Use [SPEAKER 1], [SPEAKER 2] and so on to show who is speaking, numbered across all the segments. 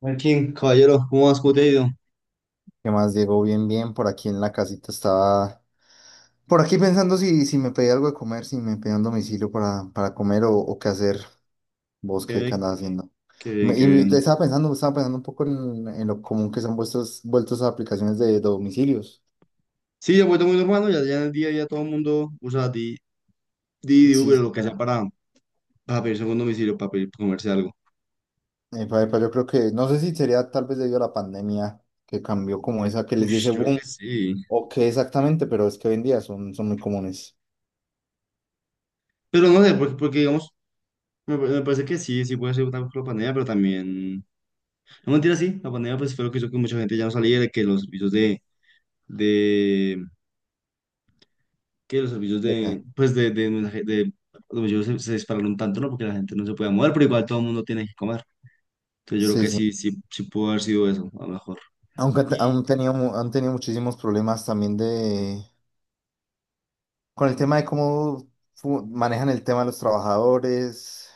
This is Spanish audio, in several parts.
[SPEAKER 1] Martín, caballero, ¿cómo vas? ¿Cómo te ha ido?
[SPEAKER 2] ¿Qué más, Diego? Bien, bien, por aquí en la casita estaba, por aquí pensando si me pedía algo de comer, si me pedía un domicilio para comer o qué hacer, vos
[SPEAKER 1] Qué
[SPEAKER 2] qué
[SPEAKER 1] bien,
[SPEAKER 2] andás haciendo.
[SPEAKER 1] qué bien,
[SPEAKER 2] Me-
[SPEAKER 1] qué
[SPEAKER 2] y me- te
[SPEAKER 1] bien.
[SPEAKER 2] estaba pensando, estaba pensando un poco en lo común que se han vuelto esas aplicaciones de domicilios.
[SPEAKER 1] Sí, ya he vuelto muy normal, ¿no? Ya en el día ya todo el mundo usa Didi,
[SPEAKER 2] Sí,
[SPEAKER 1] Uber o
[SPEAKER 2] sí,
[SPEAKER 1] lo que sea para pedirse un domicilio, para pedir, para comerse algo.
[SPEAKER 2] yo creo que, no sé si sería tal vez debido a la pandemia que cambió como esa, que les
[SPEAKER 1] Uy,
[SPEAKER 2] di ese
[SPEAKER 1] yo creo
[SPEAKER 2] boom
[SPEAKER 1] que sí.
[SPEAKER 2] o qué exactamente, pero es que hoy en día son muy comunes.
[SPEAKER 1] Pero no sé, porque digamos, me parece que sí, sí puede ser una la pandemia, pero también... No mentira, sí, la pandemia pues fue lo que hizo que mucha gente ya no saliera, que los servicios de que los servicios
[SPEAKER 2] ¿De qué?
[SPEAKER 1] de... pues de... de domicilio se dispararon tanto, ¿no? Porque la gente no se puede mover, pero igual todo el mundo tiene que comer. Entonces yo creo
[SPEAKER 2] Sí,
[SPEAKER 1] que
[SPEAKER 2] sí.
[SPEAKER 1] sí pudo haber sido eso, a lo mejor.
[SPEAKER 2] Aunque han, te-
[SPEAKER 1] Y
[SPEAKER 2] han tenido, mu- han tenido muchísimos problemas también de. Con el tema de cómo manejan el tema de los trabajadores,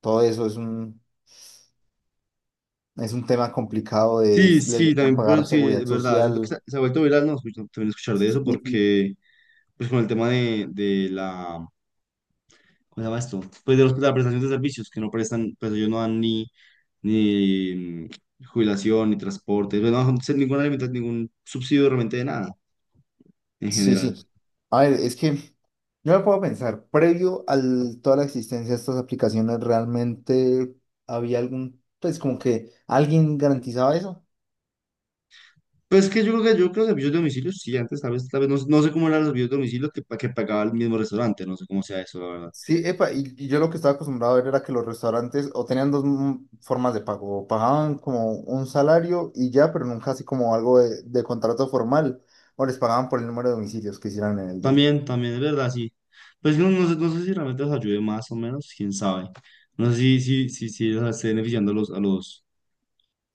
[SPEAKER 2] todo eso es un tema complicado de
[SPEAKER 1] sí,
[SPEAKER 2] les
[SPEAKER 1] sí,
[SPEAKER 2] deberían
[SPEAKER 1] también por
[SPEAKER 2] pagar
[SPEAKER 1] sí, es
[SPEAKER 2] seguridad
[SPEAKER 1] verdad, siento que
[SPEAKER 2] social.
[SPEAKER 1] se ha vuelto viral, no, también escuchar de eso,
[SPEAKER 2] Sí,
[SPEAKER 1] porque pues con el tema de la, ¿cómo se llama esto? Pues de la prestación de servicios, que no prestan, pues ellos no dan ni, ni jubilación, ni transporte, pues, no, no ningún subsidio realmente de nada, en
[SPEAKER 2] sí, sí.
[SPEAKER 1] general.
[SPEAKER 2] Sí. A ver, es que yo me puedo pensar, previo a toda la existencia de estas aplicaciones, ¿realmente había pues como que alguien garantizaba eso?
[SPEAKER 1] Pues que yo creo que los servicios de domicilio, sí, antes tal vez no, no sé cómo eran los servicios de domicilio que pagaba el mismo restaurante, no sé cómo sea eso, la verdad.
[SPEAKER 2] Sí, epa, y yo lo que estaba acostumbrado a ver era que los restaurantes o tenían dos formas de pago, o pagaban como un salario y ya, pero nunca así como algo de contrato formal, o les pagaban por el número de domicilios que hicieran en el día.
[SPEAKER 1] También, también, es verdad, sí. Pues no, no sé, no sé si realmente los ayude más o menos, quién sabe. No sé si o sea, esté beneficiando a los, a los,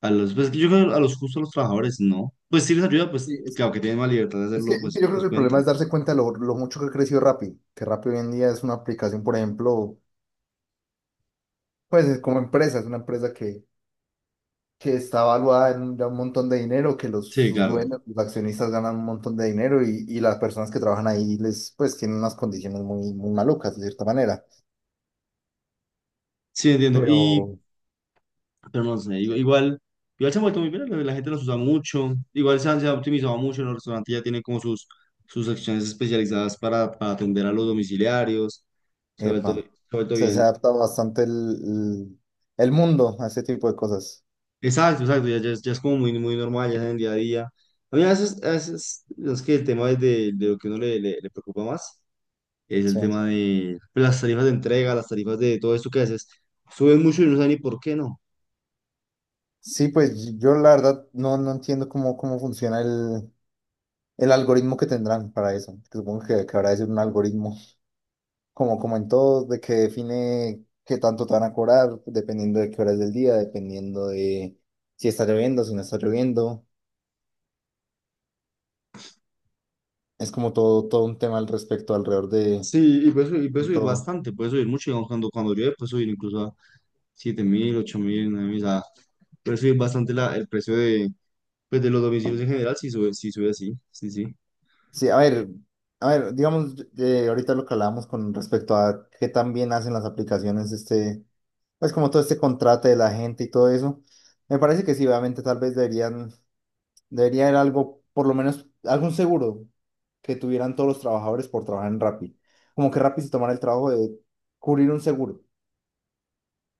[SPEAKER 1] a los, pues yo creo que a los justos, a los trabajadores, no. Pues si les ayuda,
[SPEAKER 2] Sí,
[SPEAKER 1] pues
[SPEAKER 2] es que,
[SPEAKER 1] claro que tienen más libertad de
[SPEAKER 2] es que-
[SPEAKER 1] hacerlo,
[SPEAKER 2] es que
[SPEAKER 1] pues,
[SPEAKER 2] yo creo
[SPEAKER 1] pues
[SPEAKER 2] que el problema
[SPEAKER 1] cuenta.
[SPEAKER 2] es darse cuenta lo mucho que creció Rappi, que Rappi hoy en día es una aplicación, por ejemplo, pues es como empresa, es una empresa que está valuada en un, ya un montón de dinero, que
[SPEAKER 1] Sí,
[SPEAKER 2] sus
[SPEAKER 1] claro.
[SPEAKER 2] dueños, los accionistas ganan un montón de dinero y las personas que trabajan ahí les, pues, tienen unas condiciones muy, muy malucas, de cierta manera.
[SPEAKER 1] Sí, entiendo. Y,
[SPEAKER 2] Pero.
[SPEAKER 1] pero no sé,
[SPEAKER 2] Sí.
[SPEAKER 1] igual, igual se han vuelto muy bien, la gente los usa mucho, igual se han optimizado mucho, los restaurantes ya tienen como sus, sus secciones especializadas para atender a los domiciliarios,
[SPEAKER 2] Epa,
[SPEAKER 1] se ha
[SPEAKER 2] o
[SPEAKER 1] vuelto
[SPEAKER 2] se ha
[SPEAKER 1] bien.
[SPEAKER 2] adaptado bastante el mundo a ese tipo de cosas.
[SPEAKER 1] Exacto, exacto, ya, ya es como muy, muy normal, ya es en el día a día. A mí a veces, es que el tema es de lo que uno le preocupa más es el
[SPEAKER 2] Sí.
[SPEAKER 1] tema de pues, las tarifas de entrega, las tarifas de todo esto que haces, suben mucho y no saben ni por qué no.
[SPEAKER 2] Sí, pues yo la verdad no entiendo cómo funciona el algoritmo que tendrán para eso. Que Supongo que habrá de ser un algoritmo como en todo, de que define qué tanto te van a cobrar, dependiendo de qué horas del día, dependiendo de si está lloviendo, si no está lloviendo. Es como todo, todo un tema al respecto, alrededor de,
[SPEAKER 1] Sí, y puede
[SPEAKER 2] de
[SPEAKER 1] subir
[SPEAKER 2] todo.
[SPEAKER 1] bastante, puede subir mucho, digamos, cuando llueve puede subir incluso a 7.000, 8.000, 9.000, o sea, puede subir bastante el precio de, pues, de los domicilios en general, si sube, si sube así, sí, sí.
[SPEAKER 2] Sí, a ver, digamos, ahorita lo que hablábamos con respecto a qué tan bien hacen las aplicaciones, este, pues como todo este contrato de la gente y todo eso. Me parece que sí, obviamente tal vez debería haber algo, por lo menos algún seguro que tuvieran todos los trabajadores por trabajar en Rappi. Como que Rappi se tomara el trabajo de cubrir un seguro.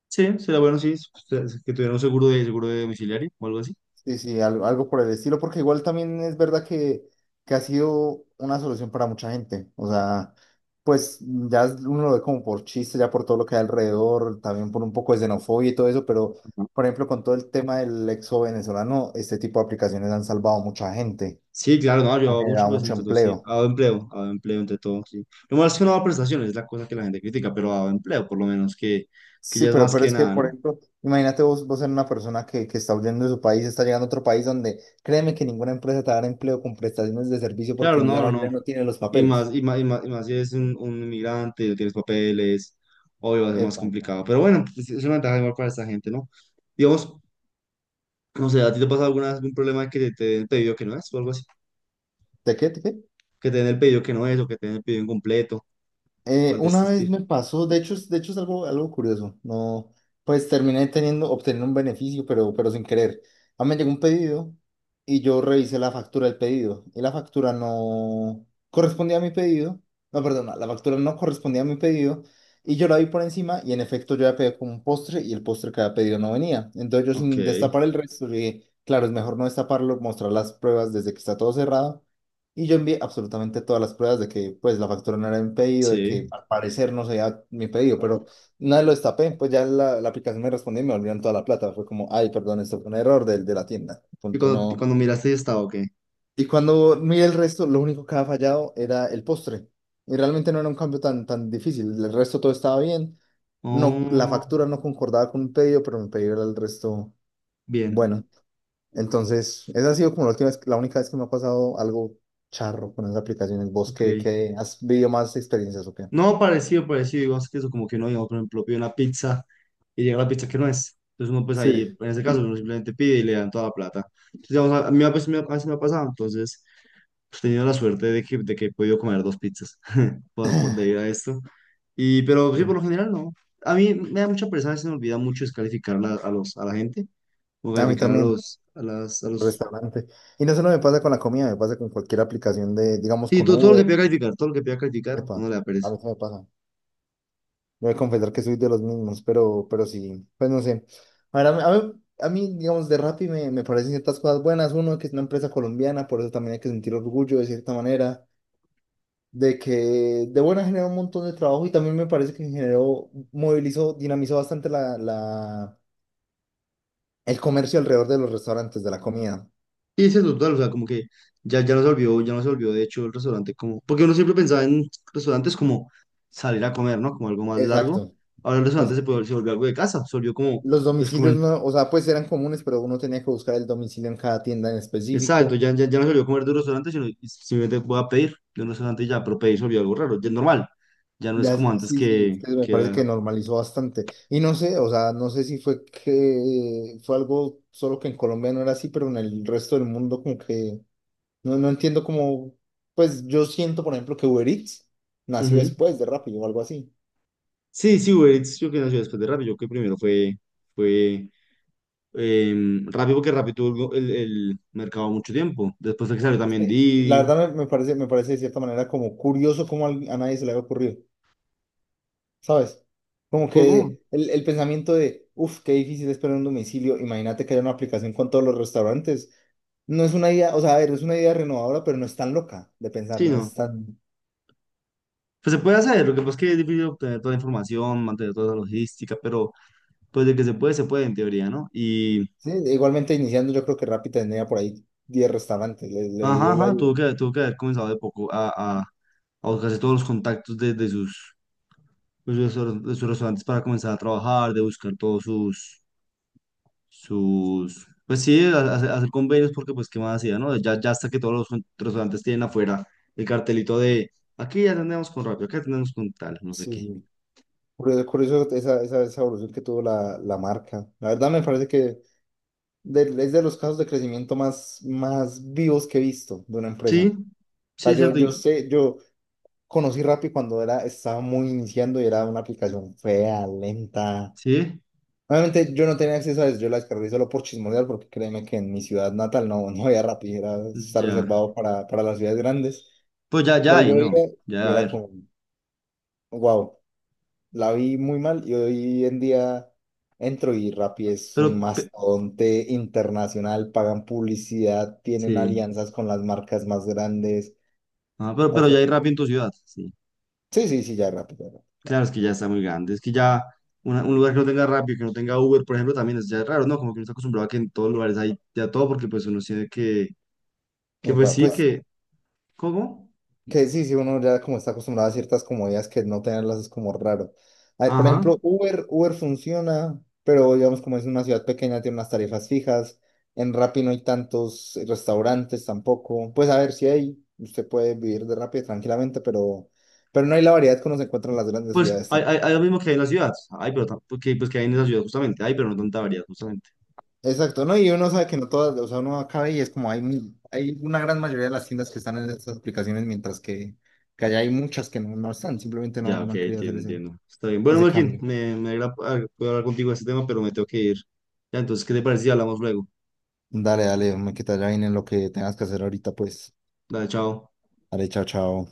[SPEAKER 1] Sí, sería bueno, sí, ustedes que tuvieran un seguro de domiciliario o algo así.
[SPEAKER 2] Sí, sí, algo algo, por el estilo, porque igual también es verdad que, ha sido una solución para mucha gente. O sea, pues ya uno lo ve como por chiste, ya por todo lo que hay alrededor, también por un poco de xenofobia y todo eso, pero
[SPEAKER 1] Ajá.
[SPEAKER 2] por ejemplo, con todo el tema del exo venezolano, este tipo de aplicaciones han salvado a mucha gente,
[SPEAKER 1] Sí, claro, no, yo
[SPEAKER 2] han
[SPEAKER 1] hago mucho,
[SPEAKER 2] generado
[SPEAKER 1] pues
[SPEAKER 2] mucho
[SPEAKER 1] entre todo, sí,
[SPEAKER 2] empleo.
[SPEAKER 1] hago empleo entre todo, sí. Lo malo es que no hago prestaciones, es la cosa que la gente critica, pero hago empleo, por lo menos, que
[SPEAKER 2] Sí,
[SPEAKER 1] ya es
[SPEAKER 2] pero,
[SPEAKER 1] más
[SPEAKER 2] pero
[SPEAKER 1] que
[SPEAKER 2] es que,
[SPEAKER 1] nada,
[SPEAKER 2] por
[SPEAKER 1] ¿no?
[SPEAKER 2] ejemplo, imagínate vos, ser una persona que está huyendo de su país, está llegando a otro país donde créeme que ninguna empresa te dará empleo con prestaciones de servicio porque
[SPEAKER 1] Claro,
[SPEAKER 2] la
[SPEAKER 1] no, no,
[SPEAKER 2] mayoría
[SPEAKER 1] no.
[SPEAKER 2] no tiene los
[SPEAKER 1] Y
[SPEAKER 2] papeles.
[SPEAKER 1] más, y más, y más, y más si eres un inmigrante, no tienes papeles, obvio va a ser más
[SPEAKER 2] Epa,
[SPEAKER 1] complicado. Pero bueno, es una ventaja igual para esta gente, ¿no? Digamos, no sé, ¿a ti te pasa alguna vez algún problema que te den pedido que no es o algo así?
[SPEAKER 2] ¿de qué? ¿De qué?
[SPEAKER 1] Que te den el pedido que no es o que te den el pedido incompleto. ¿Cuál de
[SPEAKER 2] Una
[SPEAKER 1] este
[SPEAKER 2] vez
[SPEAKER 1] estilo?
[SPEAKER 2] me pasó, de hecho, de hecho es algo, algo curioso, no, pues terminé obteniendo un beneficio, pero sin querer. A mí me llegó un pedido y yo revisé la factura del pedido y la factura no correspondía a mi pedido, no, perdona, la factura no correspondía a mi pedido y yo la vi por encima y en efecto yo había pedido como un postre y el postre que había pedido no venía. Entonces yo
[SPEAKER 1] Ok,
[SPEAKER 2] sin destapar el resto, yo dije, claro, es mejor no destaparlo, mostrar las pruebas desde que está todo cerrado y yo envié absolutamente todas las pruebas de que pues la factura no era mi pedido, de
[SPEAKER 1] sí.
[SPEAKER 2] que al parecer no sería mi pedido, pero nada lo destapé, pues ya la aplicación me respondió y me volvieron toda la plata. Fue como, ay, perdón, esto fue un error del de la tienda.
[SPEAKER 1] ¿Y
[SPEAKER 2] Punto, no.
[SPEAKER 1] cuando miraste ya estaba, ok?
[SPEAKER 2] Y cuando miré el resto, lo único que había fallado era el postre. Y realmente no era un cambio tan difícil. El resto todo estaba bien. No, la
[SPEAKER 1] Oh,
[SPEAKER 2] factura no concordaba con mi pedido, pero mi pedido era el resto
[SPEAKER 1] bien,
[SPEAKER 2] bueno. Entonces, esa ha sido como la única vez que me ha pasado algo charro con esas aplicaciones. ¿Vos qué,
[SPEAKER 1] ok.
[SPEAKER 2] qué has vivido más experiencias o qué?
[SPEAKER 1] No, parecido, parecido. Digamos que eso como que uno, digamos, por ejemplo, pide una pizza y llega la pizza que no es. Entonces uno pues ahí,
[SPEAKER 2] Sí.
[SPEAKER 1] en ese caso, uno simplemente pide y le dan toda la plata. Entonces, digamos, a mí a veces me ha pasado. Entonces, pues, he tenido la suerte de que he podido comer dos pizzas por debido a esto. Y, pero sí, por
[SPEAKER 2] Sí.
[SPEAKER 1] lo general no. A mí me da mucha pereza, a veces me olvida mucho a a la gente, o
[SPEAKER 2] A mí
[SPEAKER 1] calificar a
[SPEAKER 2] también,
[SPEAKER 1] los, a las, a los,
[SPEAKER 2] restaurante. Y no solo me pasa con la comida, me pasa con cualquier aplicación de, digamos,
[SPEAKER 1] sí,
[SPEAKER 2] con
[SPEAKER 1] todo, todo lo que
[SPEAKER 2] Uber,
[SPEAKER 1] pida
[SPEAKER 2] con.
[SPEAKER 1] calificar, todo lo que pida calificar, a
[SPEAKER 2] Epa.
[SPEAKER 1] uno le da
[SPEAKER 2] A
[SPEAKER 1] pereza.
[SPEAKER 2] mí también me pasa. Voy a confesar que soy de los mismos, pero, sí, pues no sé. A ver, a mí- a mí, a mí, digamos, de Rappi me parecen ciertas cosas buenas. Uno, que es una empresa colombiana, por eso también hay que sentir orgullo de cierta manera. De que de buena generó un montón de trabajo y también me parece que generó, movilizó, dinamizó bastante el comercio alrededor de los restaurantes, de la comida.
[SPEAKER 1] Y es eso, total, o sea, como que ya, ya no se olvidó, ya no se olvidó, de hecho, el restaurante como, porque uno siempre pensaba en restaurantes como salir a comer, ¿no? Como algo más largo.
[SPEAKER 2] Exacto,
[SPEAKER 1] Ahora el restaurante
[SPEAKER 2] exacto.
[SPEAKER 1] se volvió algo de casa, se volvió como,
[SPEAKER 2] Los
[SPEAKER 1] pues
[SPEAKER 2] domicilios
[SPEAKER 1] comer,
[SPEAKER 2] no, o sea, pues eran comunes, pero uno tenía que buscar el domicilio en cada tienda en
[SPEAKER 1] exacto,
[SPEAKER 2] específico.
[SPEAKER 1] ya no se olvidó comer de un restaurante, sino y simplemente voy a pedir de un restaurante y ya, pero pedir se olvidó algo raro, ya es normal, ya no es
[SPEAKER 2] Ya,
[SPEAKER 1] como
[SPEAKER 2] sí,
[SPEAKER 1] antes
[SPEAKER 2] sí, sí, es que me
[SPEAKER 1] que
[SPEAKER 2] parece
[SPEAKER 1] era...
[SPEAKER 2] que normalizó bastante. Y no sé, o sea, no sé si fue que fue algo solo que en Colombia no era así, pero en el resto del mundo como que no entiendo cómo, pues yo siento, por ejemplo, que Uber Eats nació
[SPEAKER 1] Ujú.
[SPEAKER 2] después de Rappi o algo así.
[SPEAKER 1] Sí, sí, Uber Eats yo que nació después de Rappi, yo que primero fue, fue Rappi porque Rappi tuvo el mercado mucho tiempo, después fue que salió
[SPEAKER 2] Es
[SPEAKER 1] también
[SPEAKER 2] que la
[SPEAKER 1] Didi,
[SPEAKER 2] verdad me parece de cierta manera como curioso cómo a nadie se le había ocurrido, ¿sabes? Como
[SPEAKER 1] ¿cómo? ¿Cómo?
[SPEAKER 2] que el pensamiento de, uff, qué difícil es poner un domicilio, imagínate que haya una aplicación con todos los restaurantes. No es una idea, o sea, a ver, es una idea renovadora, pero no es tan loca de pensar,
[SPEAKER 1] Sí,
[SPEAKER 2] no
[SPEAKER 1] no,
[SPEAKER 2] es tan.
[SPEAKER 1] pues se puede hacer, lo que pasa es que es difícil obtener toda la información, mantener toda la logística, pero pues de que se puede en teoría, ¿no? Y...
[SPEAKER 2] Sí, igualmente iniciando yo creo que Rappi tendría por ahí 10 restaurantes, le
[SPEAKER 1] Ajá,
[SPEAKER 2] dio la.
[SPEAKER 1] ajá, tuvo que haber comenzado de poco a buscarse todos los contactos de sus, pues, de sus restaurantes para comenzar a trabajar, de buscar todos sus, sus, pues sí, hacer, hacer convenios porque pues qué más hacía, ¿no? Ya, ya hasta que todos los restaurantes tienen afuera el cartelito de aquí ya atendemos con rápido, aquí atendemos con tal, no sé
[SPEAKER 2] Sí,
[SPEAKER 1] qué.
[SPEAKER 2] sí. Curioso, curioso esa evolución que tuvo la marca. La verdad me parece que es de los casos de crecimiento más, más vivos que he visto de una
[SPEAKER 1] Sí,
[SPEAKER 2] empresa. O sea,
[SPEAKER 1] sí, es
[SPEAKER 2] yo,
[SPEAKER 1] cierto,
[SPEAKER 2] yo
[SPEAKER 1] y-
[SPEAKER 2] sé, yo conocí Rappi cuando estaba muy iniciando y era una aplicación fea, lenta.
[SPEAKER 1] sí,
[SPEAKER 2] Obviamente yo no tenía acceso a eso, yo la descargué solo por chismosear, porque créeme que en mi ciudad natal no, no había Rappi, está
[SPEAKER 1] ya.
[SPEAKER 2] reservado para las ciudades grandes.
[SPEAKER 1] Pues ya, ya
[SPEAKER 2] Pero
[SPEAKER 1] hay,
[SPEAKER 2] yo
[SPEAKER 1] ¿no?
[SPEAKER 2] veía y
[SPEAKER 1] Ya, a
[SPEAKER 2] era
[SPEAKER 1] ver,
[SPEAKER 2] como, wow, la vi muy mal y hoy en día entro y Rappi es un
[SPEAKER 1] pero, pe-
[SPEAKER 2] mastodonte internacional, pagan publicidad, tienen
[SPEAKER 1] sí,
[SPEAKER 2] alianzas con las marcas más grandes.
[SPEAKER 1] ajá,
[SPEAKER 2] O
[SPEAKER 1] pero ya
[SPEAKER 2] sea,
[SPEAKER 1] hay rápido en tu ciudad, sí.
[SPEAKER 2] sí, sí, sí, ya Rappi, claro.
[SPEAKER 1] Claro, es que ya está muy grande. Es que ya un lugar que no tenga Rappi, que no tenga Uber, por ejemplo, también es ya raro, ¿no? Como que uno está acostumbrado a que en todos lugares hay ya todo, porque pues uno tiene que pues
[SPEAKER 2] Epa,
[SPEAKER 1] sí,
[SPEAKER 2] pues
[SPEAKER 1] que, ¿cómo?
[SPEAKER 2] que sí, sí, uno ya como está acostumbrado a ciertas comodidades que no tenerlas es como raro. A ver, por
[SPEAKER 1] Ajá.
[SPEAKER 2] ejemplo, Uber funciona, pero digamos como es una ciudad pequeña, tiene unas tarifas fijas. En Rappi no hay tantos restaurantes tampoco. Pues a ver si hay, usted puede vivir de Rappi tranquilamente, pero, no hay la variedad que uno se encuentra en las grandes
[SPEAKER 1] Pues
[SPEAKER 2] ciudades.
[SPEAKER 1] hay, hay, hay lo mismo que hay en las ciudades. Hay, pero porque, pues que hay en esas ciudades justamente. Hay, pero no tanta variedad, justamente.
[SPEAKER 2] Exacto, ¿no? Y uno sabe que no todas, o sea, uno acaba y es como hay una gran mayoría de las tiendas que están en estas aplicaciones, mientras que allá hay muchas que no están, simplemente no,
[SPEAKER 1] Ya,
[SPEAKER 2] no
[SPEAKER 1] ok,
[SPEAKER 2] han querido hacer
[SPEAKER 1] entiendo,
[SPEAKER 2] ese,
[SPEAKER 1] entiendo. Está bien. Bueno,
[SPEAKER 2] ese
[SPEAKER 1] Marquín,
[SPEAKER 2] cambio.
[SPEAKER 1] me alegra poder hablar contigo de este tema, pero me tengo que ir. Ya, entonces, ¿qué te parece si hablamos luego?
[SPEAKER 2] Dale, dale, me quita ya en lo que tengas que hacer ahorita, pues.
[SPEAKER 1] Dale, chao.
[SPEAKER 2] Dale, chao, chao.